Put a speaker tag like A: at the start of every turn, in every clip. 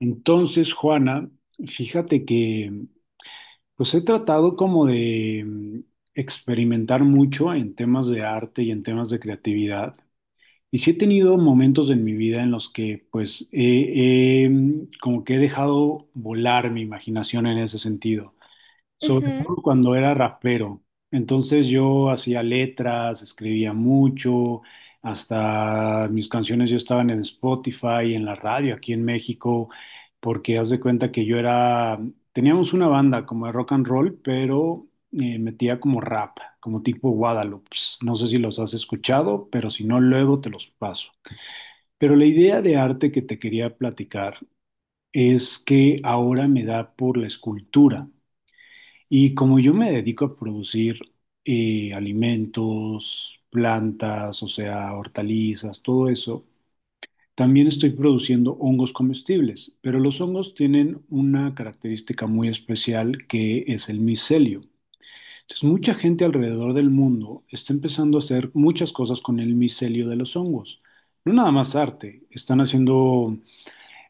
A: Entonces, Juana, fíjate que pues he tratado como experimentar mucho en temas de arte y en temas de creatividad. Y sí he tenido momentos en mi vida en los que pues como que he dejado volar mi imaginación en ese sentido, sobre
B: Ujú.
A: todo cuando era rapero. Entonces yo hacía letras, escribía mucho, hasta mis canciones ya estaban en Spotify, en la radio aquí en México, porque haz de cuenta que yo era, teníamos una banda como de rock and roll, pero metía como rap, como tipo Guadalupe. No sé si los has escuchado, pero si no, luego te los paso. Pero la idea de arte que te quería platicar es que ahora me da por la escultura. Y como yo me dedico a producir alimentos, plantas, o sea, hortalizas, todo eso, también estoy produciendo hongos comestibles, pero los hongos tienen una característica muy especial que es el micelio. Entonces, mucha gente alrededor del mundo está empezando a hacer muchas cosas con el micelio de los hongos. No nada más arte, están haciendo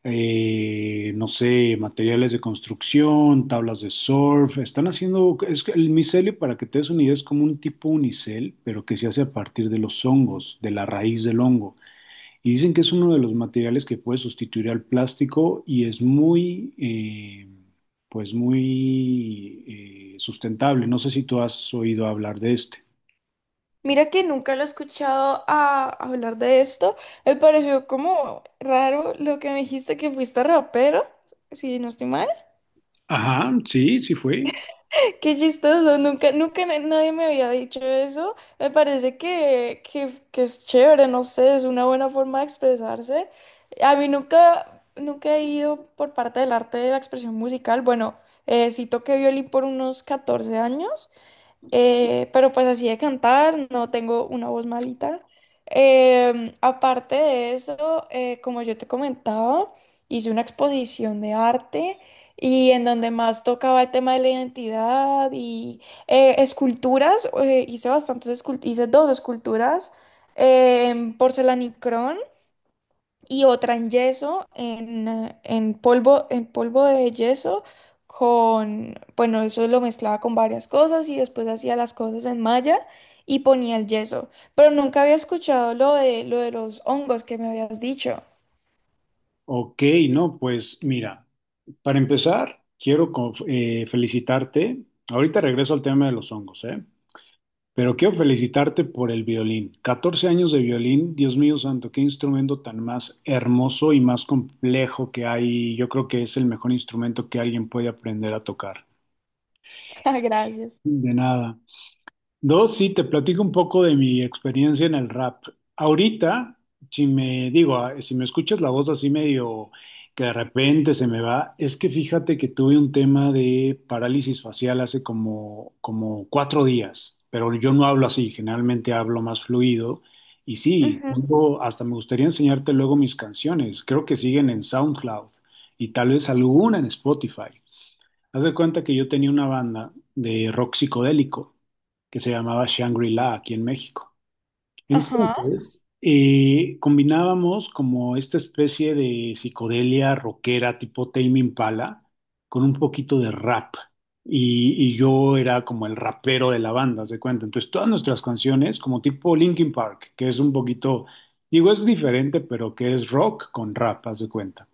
A: no sé, materiales de construcción, tablas de surf, están haciendo, es que el micelio, para que te des una idea, es como un tipo unicel, pero que se hace a partir de los hongos, de la raíz del hongo. Y dicen que es uno de los materiales que puede sustituir al plástico y es pues muy sustentable. No sé si tú has oído hablar de este.
B: Mira que nunca lo he escuchado hablar de esto. Me pareció como raro lo que me dijiste que fuiste rapero, si no estoy mal.
A: Ajá, sí, sí fue.
B: Qué chistoso, nunca, nadie me había dicho eso. Me parece que es chévere, no sé, es una buena forma de expresarse. A mí nunca, nunca he ido por parte del arte de la expresión musical. Bueno, sí toqué violín por unos 14 años. Pero pues así de cantar, no tengo una voz malita. Aparte de eso, como yo te comentaba, hice una exposición de arte y en donde más tocaba el tema de la identidad y esculturas, eh, hice dos esculturas en porcelanicrón y otra en yeso, en polvo de yeso, con, bueno, eso lo mezclaba con varias cosas y después hacía las cosas en malla y ponía el yeso. Pero nunca había escuchado lo de los hongos que me habías dicho.
A: Ok, no, pues mira. Para empezar, quiero felicitarte. Ahorita regreso al tema de los hongos, ¿eh? Pero quiero felicitarte por el violín. 14 años de violín, Dios mío santo, qué instrumento tan más hermoso y más complejo que hay. Yo creo que es el mejor instrumento que alguien puede aprender a tocar.
B: Ah, gracias.
A: De nada. Dos, sí, te platico un poco de mi experiencia en el rap. Ahorita, si me digo, ah, si me escuchas la voz así medio que de repente se me va, es que fíjate que tuve un tema de parálisis facial hace como, como 4 días, pero yo no hablo así, generalmente hablo más fluido. Y sí,
B: Ujú.
A: tengo, hasta me gustaría enseñarte luego mis canciones, creo que siguen en SoundCloud y tal vez alguna en Spotify. Haz de cuenta que yo tenía una banda de rock psicodélico que se llamaba Shangri-La aquí en México.
B: Ajá.
A: Entonces, combinábamos como esta especie de psicodelia rockera tipo Tame Impala con un poquito de rap. Y yo era como el rapero de la banda, haz de cuenta. Entonces, todas nuestras canciones, como tipo Linkin Park, que es un poquito, digo, es diferente, pero que es rock con rap, haz de cuenta.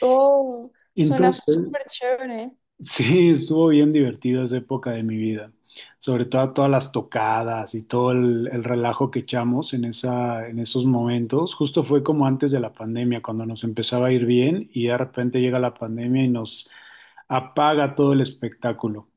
B: Oh, suena
A: Entonces,
B: súper chévere.
A: sí, estuvo bien divertida esa época de mi vida, sobre todo todas las tocadas y todo el relajo que echamos en esa, en esos momentos. Justo fue como antes de la pandemia, cuando nos empezaba a ir bien y de repente llega la pandemia y nos apaga todo el espectáculo.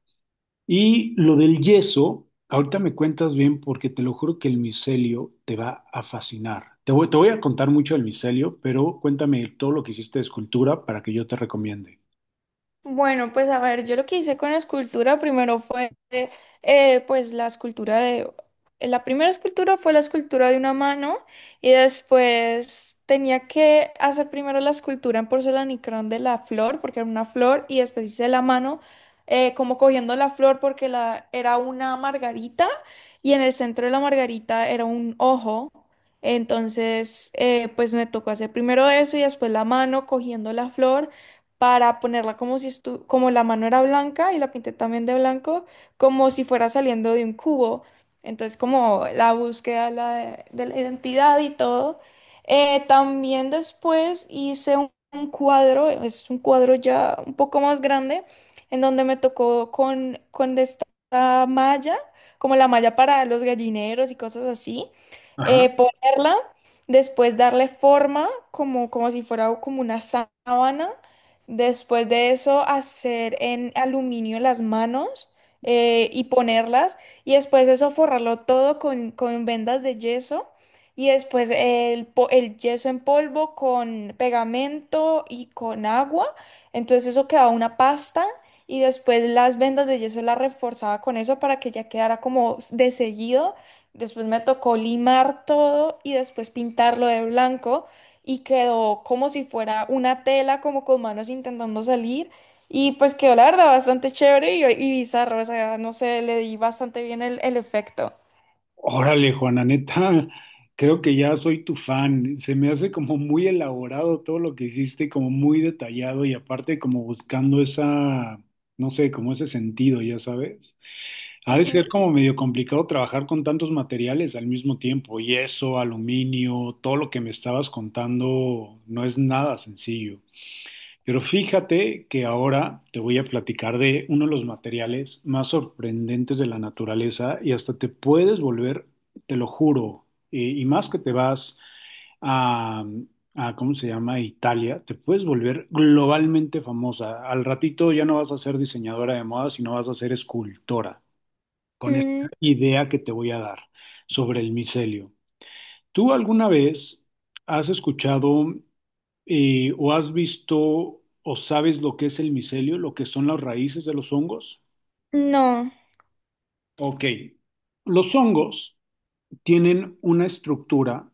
A: Y lo del yeso, ahorita me cuentas bien porque te lo juro que el micelio te va a fascinar. Te voy a contar mucho del micelio, pero cuéntame todo lo que hiciste de escultura para que yo te recomiende.
B: Bueno, pues a ver, yo lo que hice con la escultura primero fue, pues la primera escultura fue la escultura de una mano, y después tenía que hacer primero la escultura en porcelanicrón de la flor, porque era una flor, y después hice la mano como cogiendo la flor porque era una margarita y en el centro de la margarita era un ojo. Entonces, pues me tocó hacer primero eso y después la mano cogiendo la flor para ponerla como si como la mano era blanca, y la pinté también de blanco, como si fuera saliendo de un cubo. Entonces, como la búsqueda de la identidad y todo. También después hice un cuadro, es un cuadro ya un poco más grande, en donde me tocó con esta malla, como la malla para los gallineros y cosas así,
A: Ajá.
B: ponerla, después darle forma como si fuera como una sábana. Después de eso, hacer en aluminio las manos, y ponerlas. Y después de eso, forrarlo todo con vendas de yeso. Y después el el yeso en polvo con pegamento y con agua. Entonces eso quedaba una pasta. Y después las vendas de yeso las reforzaba con eso para que ya quedara como de seguido. Después me tocó limar todo y después pintarlo de blanco, y quedó como si fuera una tela, como con manos intentando salir. Y pues quedó la verdad bastante chévere y bizarro, o sea, no sé, le di bastante bien el efecto.
A: Órale, Juana, neta, creo que ya soy tu fan. Se me hace como muy elaborado todo lo que hiciste, como muy detallado y aparte como buscando esa, no sé, como ese sentido, ya sabes. Ha de ser
B: Ujú.
A: como medio complicado trabajar con tantos materiales al mismo tiempo, yeso, aluminio, todo lo que me estabas contando no es nada sencillo. Pero fíjate que ahora te voy a platicar de uno de los materiales más sorprendentes de la naturaleza y hasta te puedes volver, te lo juro, y más que te vas a, a ¿cómo se llama? Italia, te puedes volver globalmente famosa. Al ratito ya no vas a ser diseñadora de moda, sino vas a ser escultora, con esta
B: Mm,
A: idea que te voy a dar sobre el micelio. ¿Tú alguna vez has escuchado o has visto o sabes lo que es el micelio, lo que son las raíces de los hongos?
B: no.
A: Ok, los hongos tienen una estructura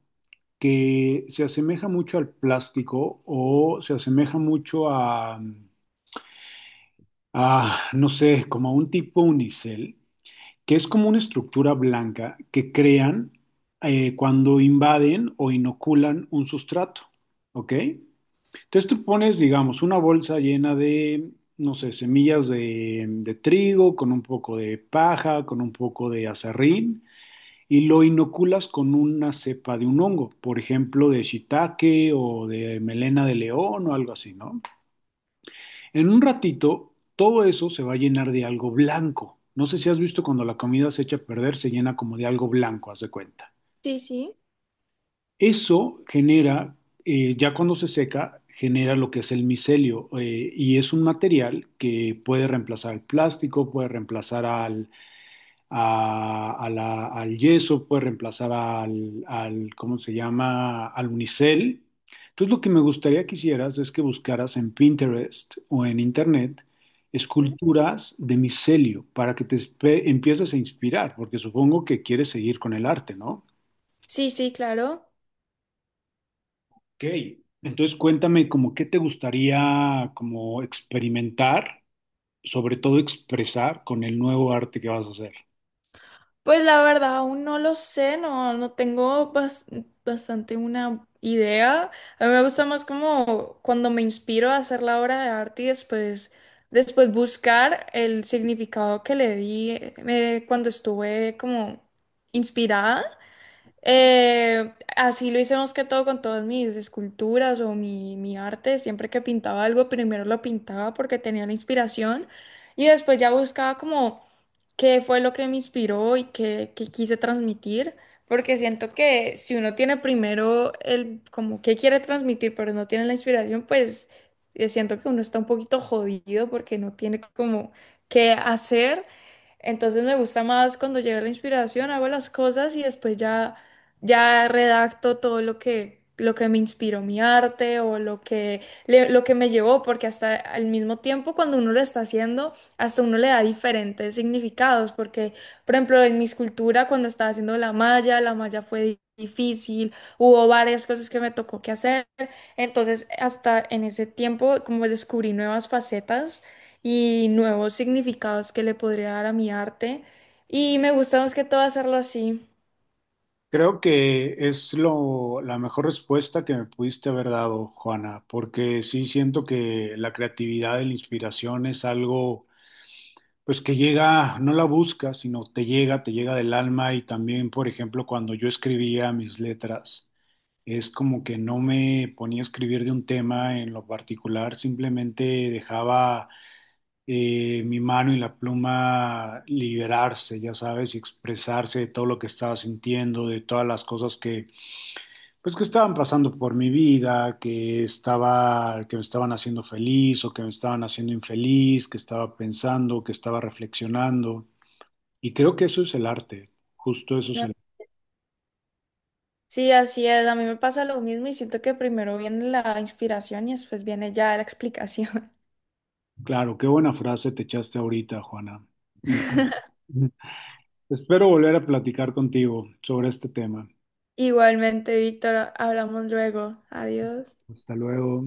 A: que se asemeja mucho al plástico o se asemeja mucho a no sé, como a un tipo unicel, que es como una estructura blanca que crean cuando invaden o inoculan un sustrato, ¿ok? Entonces tú pones, digamos, una bolsa llena de, no sé, semillas de trigo, con un poco de paja, con un poco de azarrín, y lo inoculas con una cepa de un hongo, por ejemplo, de shiitake o de melena de león o algo así, ¿no? En un ratito, todo eso se va a llenar de algo blanco. No sé si has visto cuando la comida se echa a perder, se llena como de algo blanco, haz de cuenta.
B: Sí, sí.
A: Eso genera, ya cuando se seca, genera lo que es el micelio, y es un material que puede reemplazar al plástico, puede reemplazar al, a la- al yeso, puede reemplazar al ¿cómo se llama?, al unicel. Entonces lo que me gustaría que hicieras es que buscaras en Pinterest o en Internet
B: Ujú.
A: esculturas de micelio para que empieces a inspirar, porque supongo que quieres seguir con el arte, ¿no?
B: Sí, sí, claro.
A: Ok, entonces cuéntame como qué te gustaría como experimentar, sobre todo expresar con el nuevo arte que vas a hacer.
B: Pues la verdad, aún no lo sé, no, bastante una idea. A mí me gusta más como cuando me inspiro a hacer la obra de arte y después buscar el significado que le di cuando estuve como inspirada. Así lo hice más que todo con todas mis esculturas o mi arte. Siempre que pintaba algo, primero lo pintaba porque tenía la inspiración, y después ya buscaba como qué fue lo que me inspiró y qué quise transmitir. Porque siento que si uno tiene primero el como qué quiere transmitir, pero no tiene la inspiración, pues siento que uno está un poquito jodido porque no tiene como qué hacer. Entonces me gusta más cuando llega la inspiración, hago las cosas, y después ya redacto todo lo que me inspiró mi arte o lo que, lo que me llevó, porque hasta al mismo tiempo cuando uno lo está haciendo, hasta uno le da diferentes significados, porque, por ejemplo, en mi escultura, cuando estaba haciendo la malla, la malla fue difícil, hubo varias cosas que me tocó que hacer, entonces hasta en ese tiempo como descubrí nuevas facetas y nuevos significados que le podría dar a mi arte, y me gusta más que todo hacerlo así.
A: Creo que es la mejor respuesta que me pudiste haber dado, Juana, porque sí siento que la creatividad y la inspiración es algo. Pues que llega, no la busca, sino te llega del alma y también, por ejemplo, cuando yo escribía mis letras, es como que no me ponía a escribir de un tema en lo particular, simplemente dejaba mi mano y la pluma liberarse, ya sabes, y expresarse de todo lo que estaba sintiendo, de todas las cosas que, pues, que estaban pasando por mi vida, que estaba, que me estaban haciendo feliz o que me estaban haciendo infeliz, que estaba pensando, que estaba reflexionando. Y creo que eso es el arte, justo eso es el...
B: Sí, así es. A mí me pasa lo mismo y siento que primero viene la inspiración y después viene ya la explicación.
A: Claro, qué buena frase te echaste ahorita, Juana. Entonces, espero volver a platicar contigo sobre este tema.
B: Igualmente, Víctor, hablamos luego. Adiós.
A: Hasta luego.